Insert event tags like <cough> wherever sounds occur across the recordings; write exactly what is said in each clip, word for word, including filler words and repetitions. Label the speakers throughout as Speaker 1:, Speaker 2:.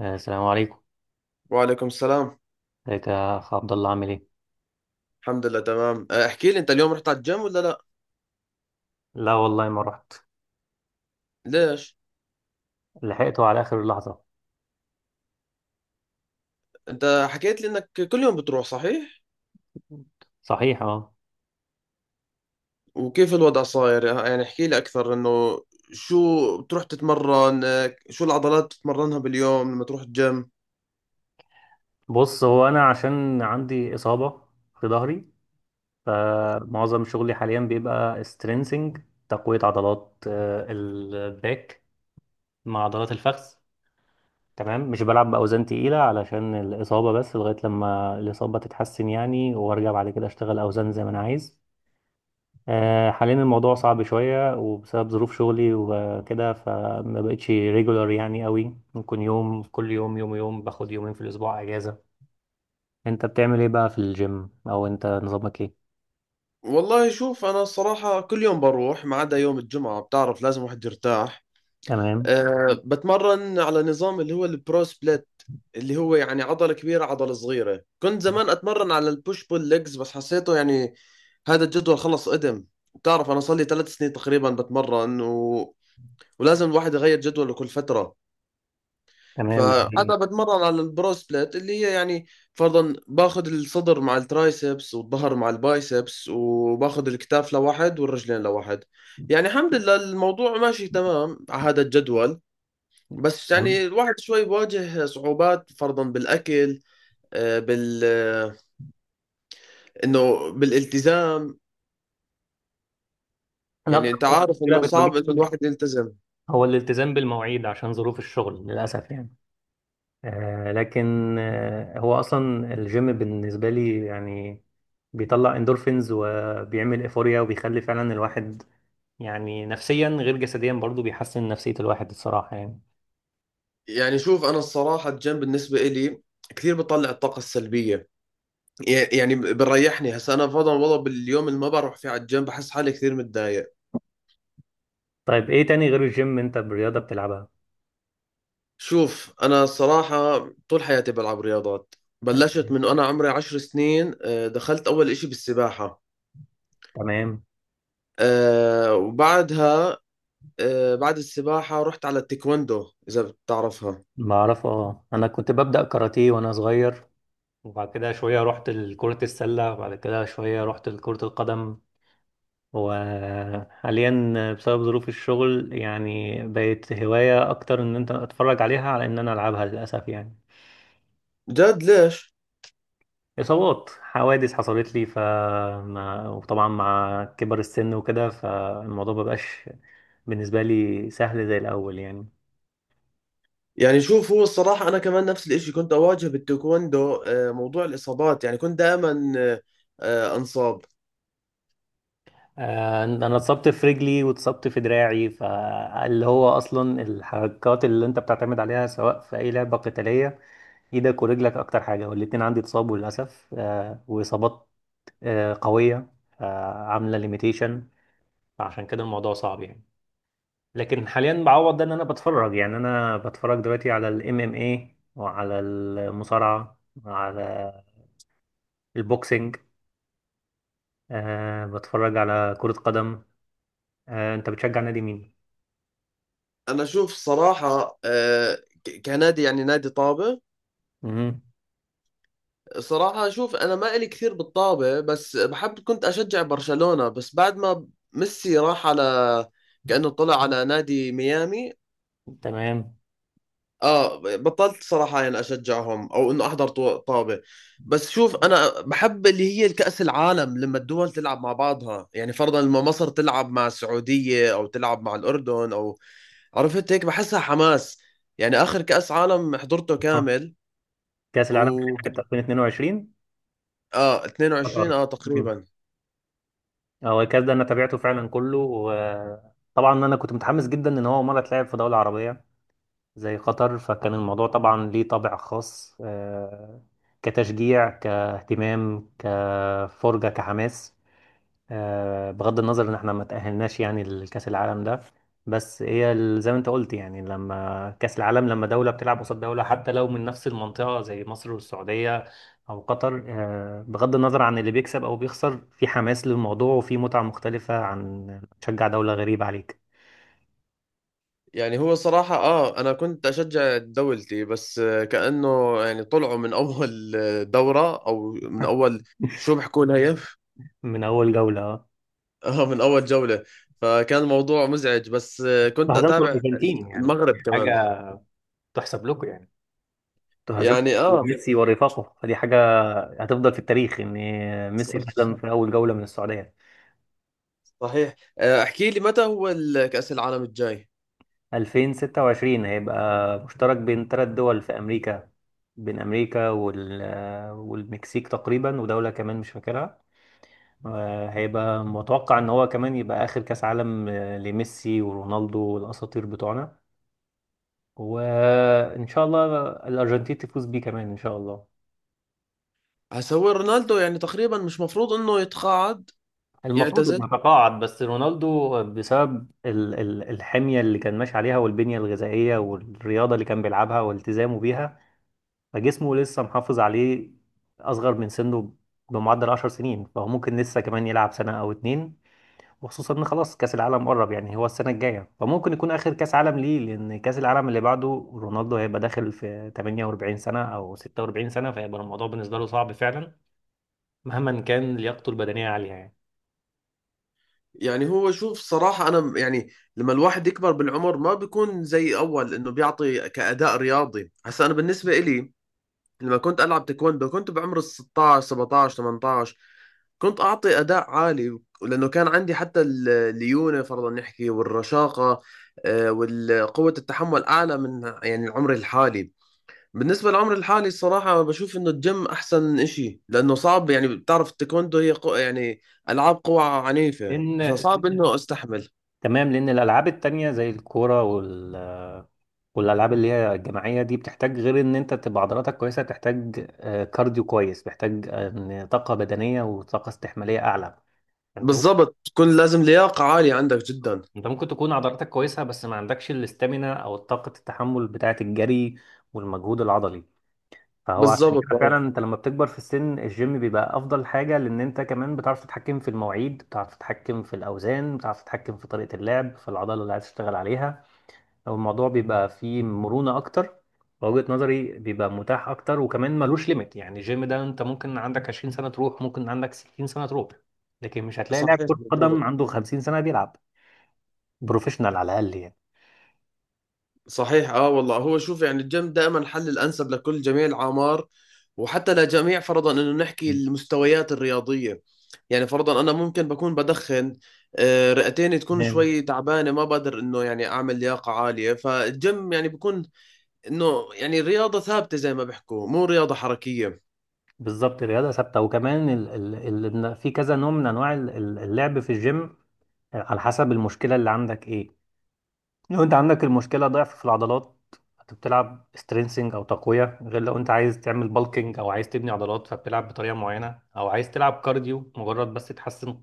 Speaker 1: آه، السلام عليكم.
Speaker 2: وعليكم السلام.
Speaker 1: ازيك يا اخ عبد الله، عامل ايه؟
Speaker 2: الحمد لله تمام. أه، احكي لي انت اليوم رحت على الجيم ولا لا؟
Speaker 1: لا والله ما رحت،
Speaker 2: ليش؟
Speaker 1: لحقته على اخر اللحظه.
Speaker 2: انت حكيت لي انك كل يوم بتروح صحيح؟
Speaker 1: صحيح اه.
Speaker 2: وكيف الوضع صاير؟ يعني احكي لي اكثر انه شو بتروح تتمرن، أه، شو العضلات بتتمرنها باليوم لما تروح الجيم؟
Speaker 1: بص، هو انا عشان عندي اصابه في ظهري، فمعظم شغلي حاليا بيبقى سترينسنج، تقويه عضلات آه، الباك مع عضلات الفخذ. تمام، مش بلعب باوزان تقيله علشان الاصابه، بس لغايه لما الاصابه تتحسن يعني وارجع بعد كده اشتغل اوزان زي ما انا عايز. آه، حاليا الموضوع صعب شوية وبسبب ظروف شغلي وكده، فما بقتش ريجولار يعني قوي، ممكن يوم كل يوم، يوم يوم باخد يومين في الأسبوع أجازة. أنت بتعمل إيه بقى في الجيم، أو أنت نظامك إيه؟
Speaker 2: والله شوف انا الصراحة كل يوم بروح ما عدا يوم الجمعة، بتعرف لازم واحد يرتاح.
Speaker 1: تمام.
Speaker 2: أه بتمرن على نظام اللي هو البرو سبليت، اللي هو يعني عضلة كبيرة عضلة صغيرة. كنت زمان أتمرن على البوش بول ليجز بس حسيته يعني هذا الجدول خلص قدم. بتعرف أنا صار لي ثلاث سنين تقريبا بتمرن، و... ولازم الواحد يغير جدوله كل فترة.
Speaker 1: تمام ده حقيقي.
Speaker 2: فعادة بتمرن على البرو سبليت اللي هي يعني فرضا باخذ الصدر مع الترايسبس والظهر مع البايسبس، وباخذ الكتاف لواحد والرجلين لواحد. يعني الحمد لله الموضوع ماشي تمام على هذا الجدول. بس
Speaker 1: تمام.
Speaker 2: يعني الواحد شوي بواجه صعوبات فرضا بالأكل، آه، بال آه، إنه بالالتزام.
Speaker 1: أنا
Speaker 2: يعني
Speaker 1: أكتر
Speaker 2: أنت عارف
Speaker 1: مشكلة
Speaker 2: إنه صعب إنه
Speaker 1: بتواجهني
Speaker 2: الواحد يلتزم.
Speaker 1: هو الالتزام بالمواعيد عشان ظروف الشغل للأسف يعني. آه لكن آه، هو أصلا الجيم بالنسبة لي يعني بيطلع اندورفينز وبيعمل ايفوريا وبيخلي فعلا الواحد يعني نفسيا غير جسديا برضو بيحسن نفسية الواحد الصراحة يعني.
Speaker 2: يعني شوف أنا الصراحة الجيم بالنسبة إلي كثير بطلع الطاقة السلبية. ي- يعني بريحني. هسا أنا فرضا والله باليوم اللي ما بروح فيه على الجيم بحس حالي كثير متضايق.
Speaker 1: طيب، ايه تاني غير الجيم؟ انت برياضة بتلعبها؟
Speaker 2: شوف أنا الصراحة طول حياتي بلعب رياضات.
Speaker 1: طيب،
Speaker 2: بلشت من أنا عمري عشر سنين، آه، دخلت أول إشي بالسباحة.
Speaker 1: تمام.
Speaker 2: آه، وبعدها آه، بعد السباحة رحت على التايكوندو، إذا بتعرفها.
Speaker 1: بعرف اه، انا كنت ببدأ كاراتيه وانا صغير، وبعد كده شوية رحت لكرة السلة، وبعد كده شوية رحت لكرة القدم، وحاليا بسبب ظروف الشغل يعني بقت هواية اكتر ان انت اتفرج عليها على ان انا العبها للأسف يعني.
Speaker 2: جد ليش؟
Speaker 1: إصابات، حوادث حصلت لي، ف ما- وطبعا مع كبر السن وكده فالموضوع مبقاش بالنسبة لي سهل زي الأول يعني.
Speaker 2: يعني شوف هو الصراحة أنا كمان نفس الإشي كنت أواجه بالتايكوندو، آه، موضوع الإصابات. يعني كنت دائما آه، آه، أنصاب.
Speaker 1: آه، أنا اتصبت في رجلي واتصبت في دراعي، فاللي هو أصلا الحركات اللي أنت بتعتمد عليها سواء في أي لعبة قتالية إيدك ورجلك أكتر حاجة، والاتنين عندي اتصابوا للأسف. آه، وإصابات آه، قوية، آه، عاملة ليميتيشن، فعشان كده الموضوع صعب يعني. لكن حاليا بعوض ده إن أنا بتفرج، يعني أنا بتفرج دلوقتي على ال M M A وعلى المصارعة وعلى البوكسينج. آه، بتفرج على كرة قدم. آه، انت بتشجع نادي مين؟
Speaker 2: أنا شوف الصراحة، آه، ك- كنادي يعني نادي طابة.
Speaker 1: امم.
Speaker 2: صراحة شوف أنا ما إلي كثير بالطابة بس بحب، كنت أشجع برشلونة بس بعد ما ميسي راح على كأنه طلع على نادي ميامي.
Speaker 1: تمام.
Speaker 2: اه بطلت صراحة يعني اشجعهم او انه احضر طو- طابة. بس شوف انا بحب اللي هي الكأس العالم لما الدول تلعب مع بعضها، يعني فرضا لما مصر تلعب مع السعودية او تلعب مع الاردن او عرفت هيك بحسها حماس. يعني اخر كأس عالم حضرته
Speaker 1: آه.
Speaker 2: كامل
Speaker 1: كأس العالم
Speaker 2: و
Speaker 1: بتاع ألفين واثنين وعشرين،
Speaker 2: اه
Speaker 1: قطر.
Speaker 2: اثنين وعشرين اه
Speaker 1: مم.
Speaker 2: تقريبا.
Speaker 1: هو الكأس ده انا تابعته فعلا كله، وطبعا انا كنت متحمس جدا ان هو مرة اتلعب في دولة عربية زي قطر، فكان الموضوع طبعا ليه طابع خاص آه، كتشجيع، كاهتمام، كفرجة، كحماس، آه، بغض النظر ان احنا ما تأهلناش يعني لكأس العالم ده. بس هي ال- زي ما انت قلت يعني، لما كأس العالم، لما دولة بتلعب قصاد دولة حتى لو من نفس المنطقة زي مصر والسعودية او قطر، آه، بغض النظر عن اللي بيكسب او بيخسر، في حماس للموضوع وفي متعة مختلفة عن تشجع دولة غريبة عليك.
Speaker 2: يعني هو صراحة اه انا كنت اشجع دولتي بس، آه، كأنه يعني طلعوا من اول آه، دورة او من اول شو
Speaker 1: <laughs>
Speaker 2: بحكوا لها هي،
Speaker 1: من اول جولة آه.
Speaker 2: اه من اول جولة. فكان الموضوع مزعج بس آه، كنت
Speaker 1: وهزمتوا
Speaker 2: اتابع.
Speaker 1: الارجنتين يعني،
Speaker 2: المغرب كمان،
Speaker 1: حاجة تحسب لكم يعني. انتوا هزمتوا
Speaker 2: يعني اه
Speaker 1: ميسي ورفاقه، فدي حاجة هتفضل في التاريخ ان ميسي اتهزم
Speaker 2: <laughs>
Speaker 1: في اول جولة من السعودية.
Speaker 2: صحيح، آه، احكي لي متى هو ال- كأس العالم الجاي؟
Speaker 1: ألفين وستة وعشرين هيبقى مشترك بين ثلاث دول في أمريكا، بين أمريكا وال... والمكسيك تقريبا ودولة كمان مش فاكرها. آه، هيبقى متوقع إن هو كمان يبقى آخر كأس عالم آه، لميسي ورونالدو والأساطير بتوعنا، وإن شاء الله الأرجنتين تفوز بيه كمان إن شاء الله.
Speaker 2: هسا هو رونالدو يعني تقريبا مش مفروض انه يتقاعد
Speaker 1: المفروض
Speaker 2: يعتزل؟
Speaker 1: إنه تقاعد، بس رونالدو بسبب ال... ال- الحمية اللي كان ماشي عليها والبنية الغذائية والرياضة اللي كان بيلعبها والتزامه بيها، فجسمه لسه محافظ عليه، اصغر من سنه بمعدل عشر سنين، فهو ممكن لسه كمان يلعب سنة او اتنين، وخصوصا ان خلاص كاس العالم قرب يعني، هو السنة الجاية، فممكن يكون اخر كاس عالم ليه، لان كاس العالم اللي بعده رونالدو هيبقى داخل في ثمانية واربعين سنة او ستة وأربعين سنة، فهيبقى الموضوع بالنسبة له صعب فعلا مهما كان لياقته البدنية عالية يعني.
Speaker 2: يعني هو شوف صراحة انا م- يعني لما الواحد يكبر بالعمر ما بيكون زي اول، انه بيعطي كأداء رياضي. هسا انا بالنسبة إلي لما كنت ألعب تايكوندو كنت بعمر ال ستطعش سبعطعش ثمانية عشر. كنت أعطي أداء عالي لأنه كان عندي حتى ال- الليونة فرضا نحكي والرشاقة، آه، والقوة التحمل أعلى من يعني عمري الحالي. بالنسبة لعمري الحالي الصراحة بشوف إنه الجيم أحسن إشي لأنه صعب. يعني بتعرف التايكوندو هي قو يعني ألعاب قوى عنيفة،
Speaker 1: ان
Speaker 2: فصعب إنه أستحمل.
Speaker 1: تمام، لان الالعاب التانية زي الكورة وال، والالعاب اللي هي الجماعيه دي بتحتاج غير ان انت تبقى عضلاتك كويسه، تحتاج آه، كارديو كويس، محتاج آه، إن طاقه بدنيه وطاقه استحماليه اعلى. انت ممكن
Speaker 2: بالضبط، تكون لازم لياقة عالية عندك جدا.
Speaker 1: انت ممكن تكون عضلاتك كويسه بس ما عندكش الاستامينا او طاقه التحمل بتاعه الجري والمجهود العضلي، فهو عشان
Speaker 2: بالضبط
Speaker 1: كده
Speaker 2: آه.
Speaker 1: فعلا انت لما بتكبر في السن الجيم بيبقى افضل حاجه، لان انت كمان بتعرف تتحكم في المواعيد، بتعرف تتحكم في الاوزان، بتعرف تتحكم في طريقه اللعب في العضله اللي عايز تشتغل عليها، او الموضوع بيبقى فيه مرونة اكتر، وجهة نظري بيبقى متاح اكتر، وكمان ملوش ليميت يعني. الجيم ده انت ممكن عندك عشرين سنة تروح، ممكن عندك ستين سنة تروح، لكن مش هتلاقي لاعب
Speaker 2: صحيح
Speaker 1: كرة
Speaker 2: بالضبط.
Speaker 1: قدم عنده خمسين سنة بيلعب بروفيشنال على الاقل يعني.
Speaker 2: صحيح اه والله. هو شوف يعني الجيم دائما الحل الانسب لكل جميع الاعمار، وحتى لجميع فرضا انه نحكي المستويات الرياضيه. يعني فرضا انا ممكن بكون بدخن، آه، رئتين تكون
Speaker 1: تمام.
Speaker 2: شوي تعبانه ما بقدر انه يعني اعمل لياقه عاليه، فالجيم يعني بكون انه يعني رياضه ثابته زي ما بيحكوا، مو رياضه حركيه.
Speaker 1: بالظبط الرياضة ثابتة، وكمان ال ال ال إن في كذا نوع من انواع ال- ال- اللعب في الجيم على حسب المشكلة اللي عندك ايه. لو انت عندك المشكلة ضعف في العضلات، فبتلعب سترينسنج او تقوية، غير لو انت عايز تعمل بالكينج او عايز تبني عضلات فبتلعب بطريقة معينة، او عايز تلعب كارديو مجرد بس تحسن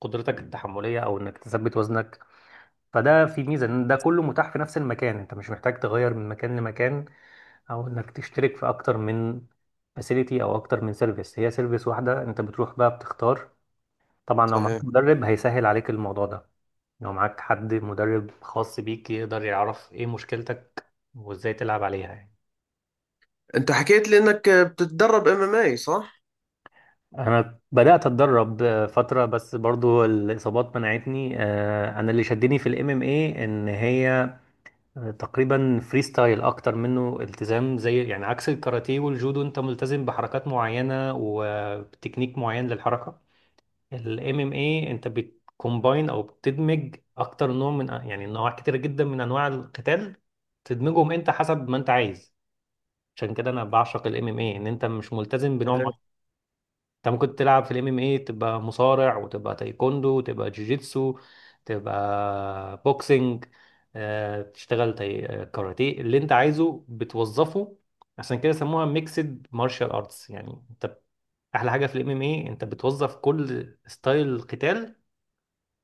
Speaker 1: قدرتك التحملية او انك تثبت وزنك. فده في ميزة ان ده كله متاح في نفس المكان، انت مش محتاج تغير من مكان لمكان، او انك تشترك في اكتر من فاسيليتي او اكتر من سيرفيس، هي سيرفيس واحدة انت بتروح بقى بتختار. طبعا لو
Speaker 2: صحيح.
Speaker 1: معاك مدرب هيسهل عليك الموضوع ده، لو معاك حد مدرب خاص بيك يقدر يعرف ايه مشكلتك وازاي تلعب عليها يعني.
Speaker 2: انت حكيت لي انك بتتدرب ام ام اي صح؟
Speaker 1: انا بدأت اتدرب آه، فترة بس برضو الاصابات منعتني. آه، انا اللي شدني في الام ام اي ان هي آه، تقريبا فري ستايل اكتر منه التزام زي، يعني عكس الكاراتيه والجودو انت ملتزم بحركات معينة وتكنيك معين للحركة. الام ام اي انت بتكومباين او بتدمج اكتر نوع من يعني انواع كتير جدا من انواع القتال، تدمجهم انت حسب ما انت عايز. عشان كده انا بعشق الام ام اي، ان انت مش ملتزم بنوع
Speaker 2: صحيح.
Speaker 1: معين. انت ممكن تلعب في الام ام اي تبقى مصارع، وتبقى تايكوندو، وتبقى جوجيتسو، تبقى بوكسنج، آه، تشتغل تاي... آه، كاراتيه، اللي انت عايزه بتوظفه. عشان كده سموها ميكسد مارشال ارتس يعني. انت احلى حاجه في الام ام اي انت بتوظف كل ستايل قتال،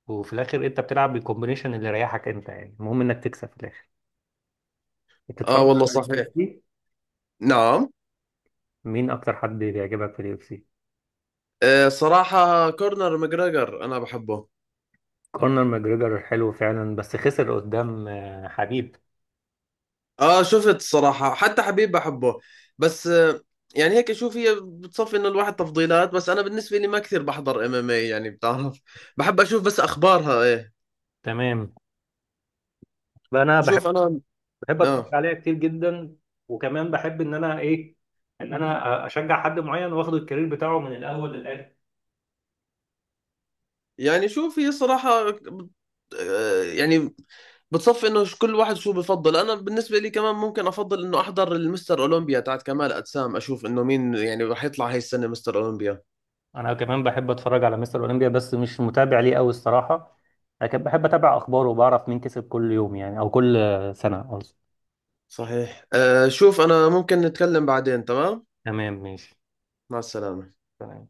Speaker 1: وفي الاخر انت بتلعب بالكومبينيشن اللي يريحك انت يعني، المهم انك تكسب في الاخر.
Speaker 2: اه
Speaker 1: بتتفرج
Speaker 2: والله
Speaker 1: على اليو
Speaker 2: صحيح.
Speaker 1: اف سي؟
Speaker 2: نعم.
Speaker 1: مين اكتر حد بيعجبك في اليو اف سي؟
Speaker 2: آه، صراحه كورنر ماجريجر انا بحبه.
Speaker 1: كونر ماجريجر حلو فعلا، بس خسر قدام آه، حبيب.
Speaker 2: اه شفت الصراحة حتى حبيب بحبه، بس آه، يعني هيك شوف هي بتصفي انه الواحد تفضيلات، بس انا بالنسبة لي ما كثير بحضر ام ام اي، يعني بتعرف بحب اشوف بس اخبارها ايه.
Speaker 1: تمام. فانا بحب
Speaker 2: شوف انا
Speaker 1: بحب
Speaker 2: اه.
Speaker 1: اتفرج عليها كتير جدا، وكمان بحب ان انا ايه، ان انا اشجع حد معين واخد الكارير بتاعه من الاول للاخر.
Speaker 2: يعني شوف هي صراحة بت- آه، يعني بتصفي انه ش- كل واحد شو بفضل. انا بالنسبة لي كمان ممكن افضل انه احضر المستر اولمبيا تاعت كمال اجسام، اشوف انه مين يعني رح يطلع هاي السنة مستر اولمبيا.
Speaker 1: انا كمان بحب اتفرج على مستر اولمبيا، بس مش متابع ليه قوي الصراحه، لكن بحب اتابع اخباره وبعرف مين كسب كل يوم يعني، او كل آه، سنه قصدي.
Speaker 2: صحيح. أه شوف انا ممكن نتكلم بعدين، تمام.
Speaker 1: تمام ماشي.
Speaker 2: مع السلامة.
Speaker 1: تمام.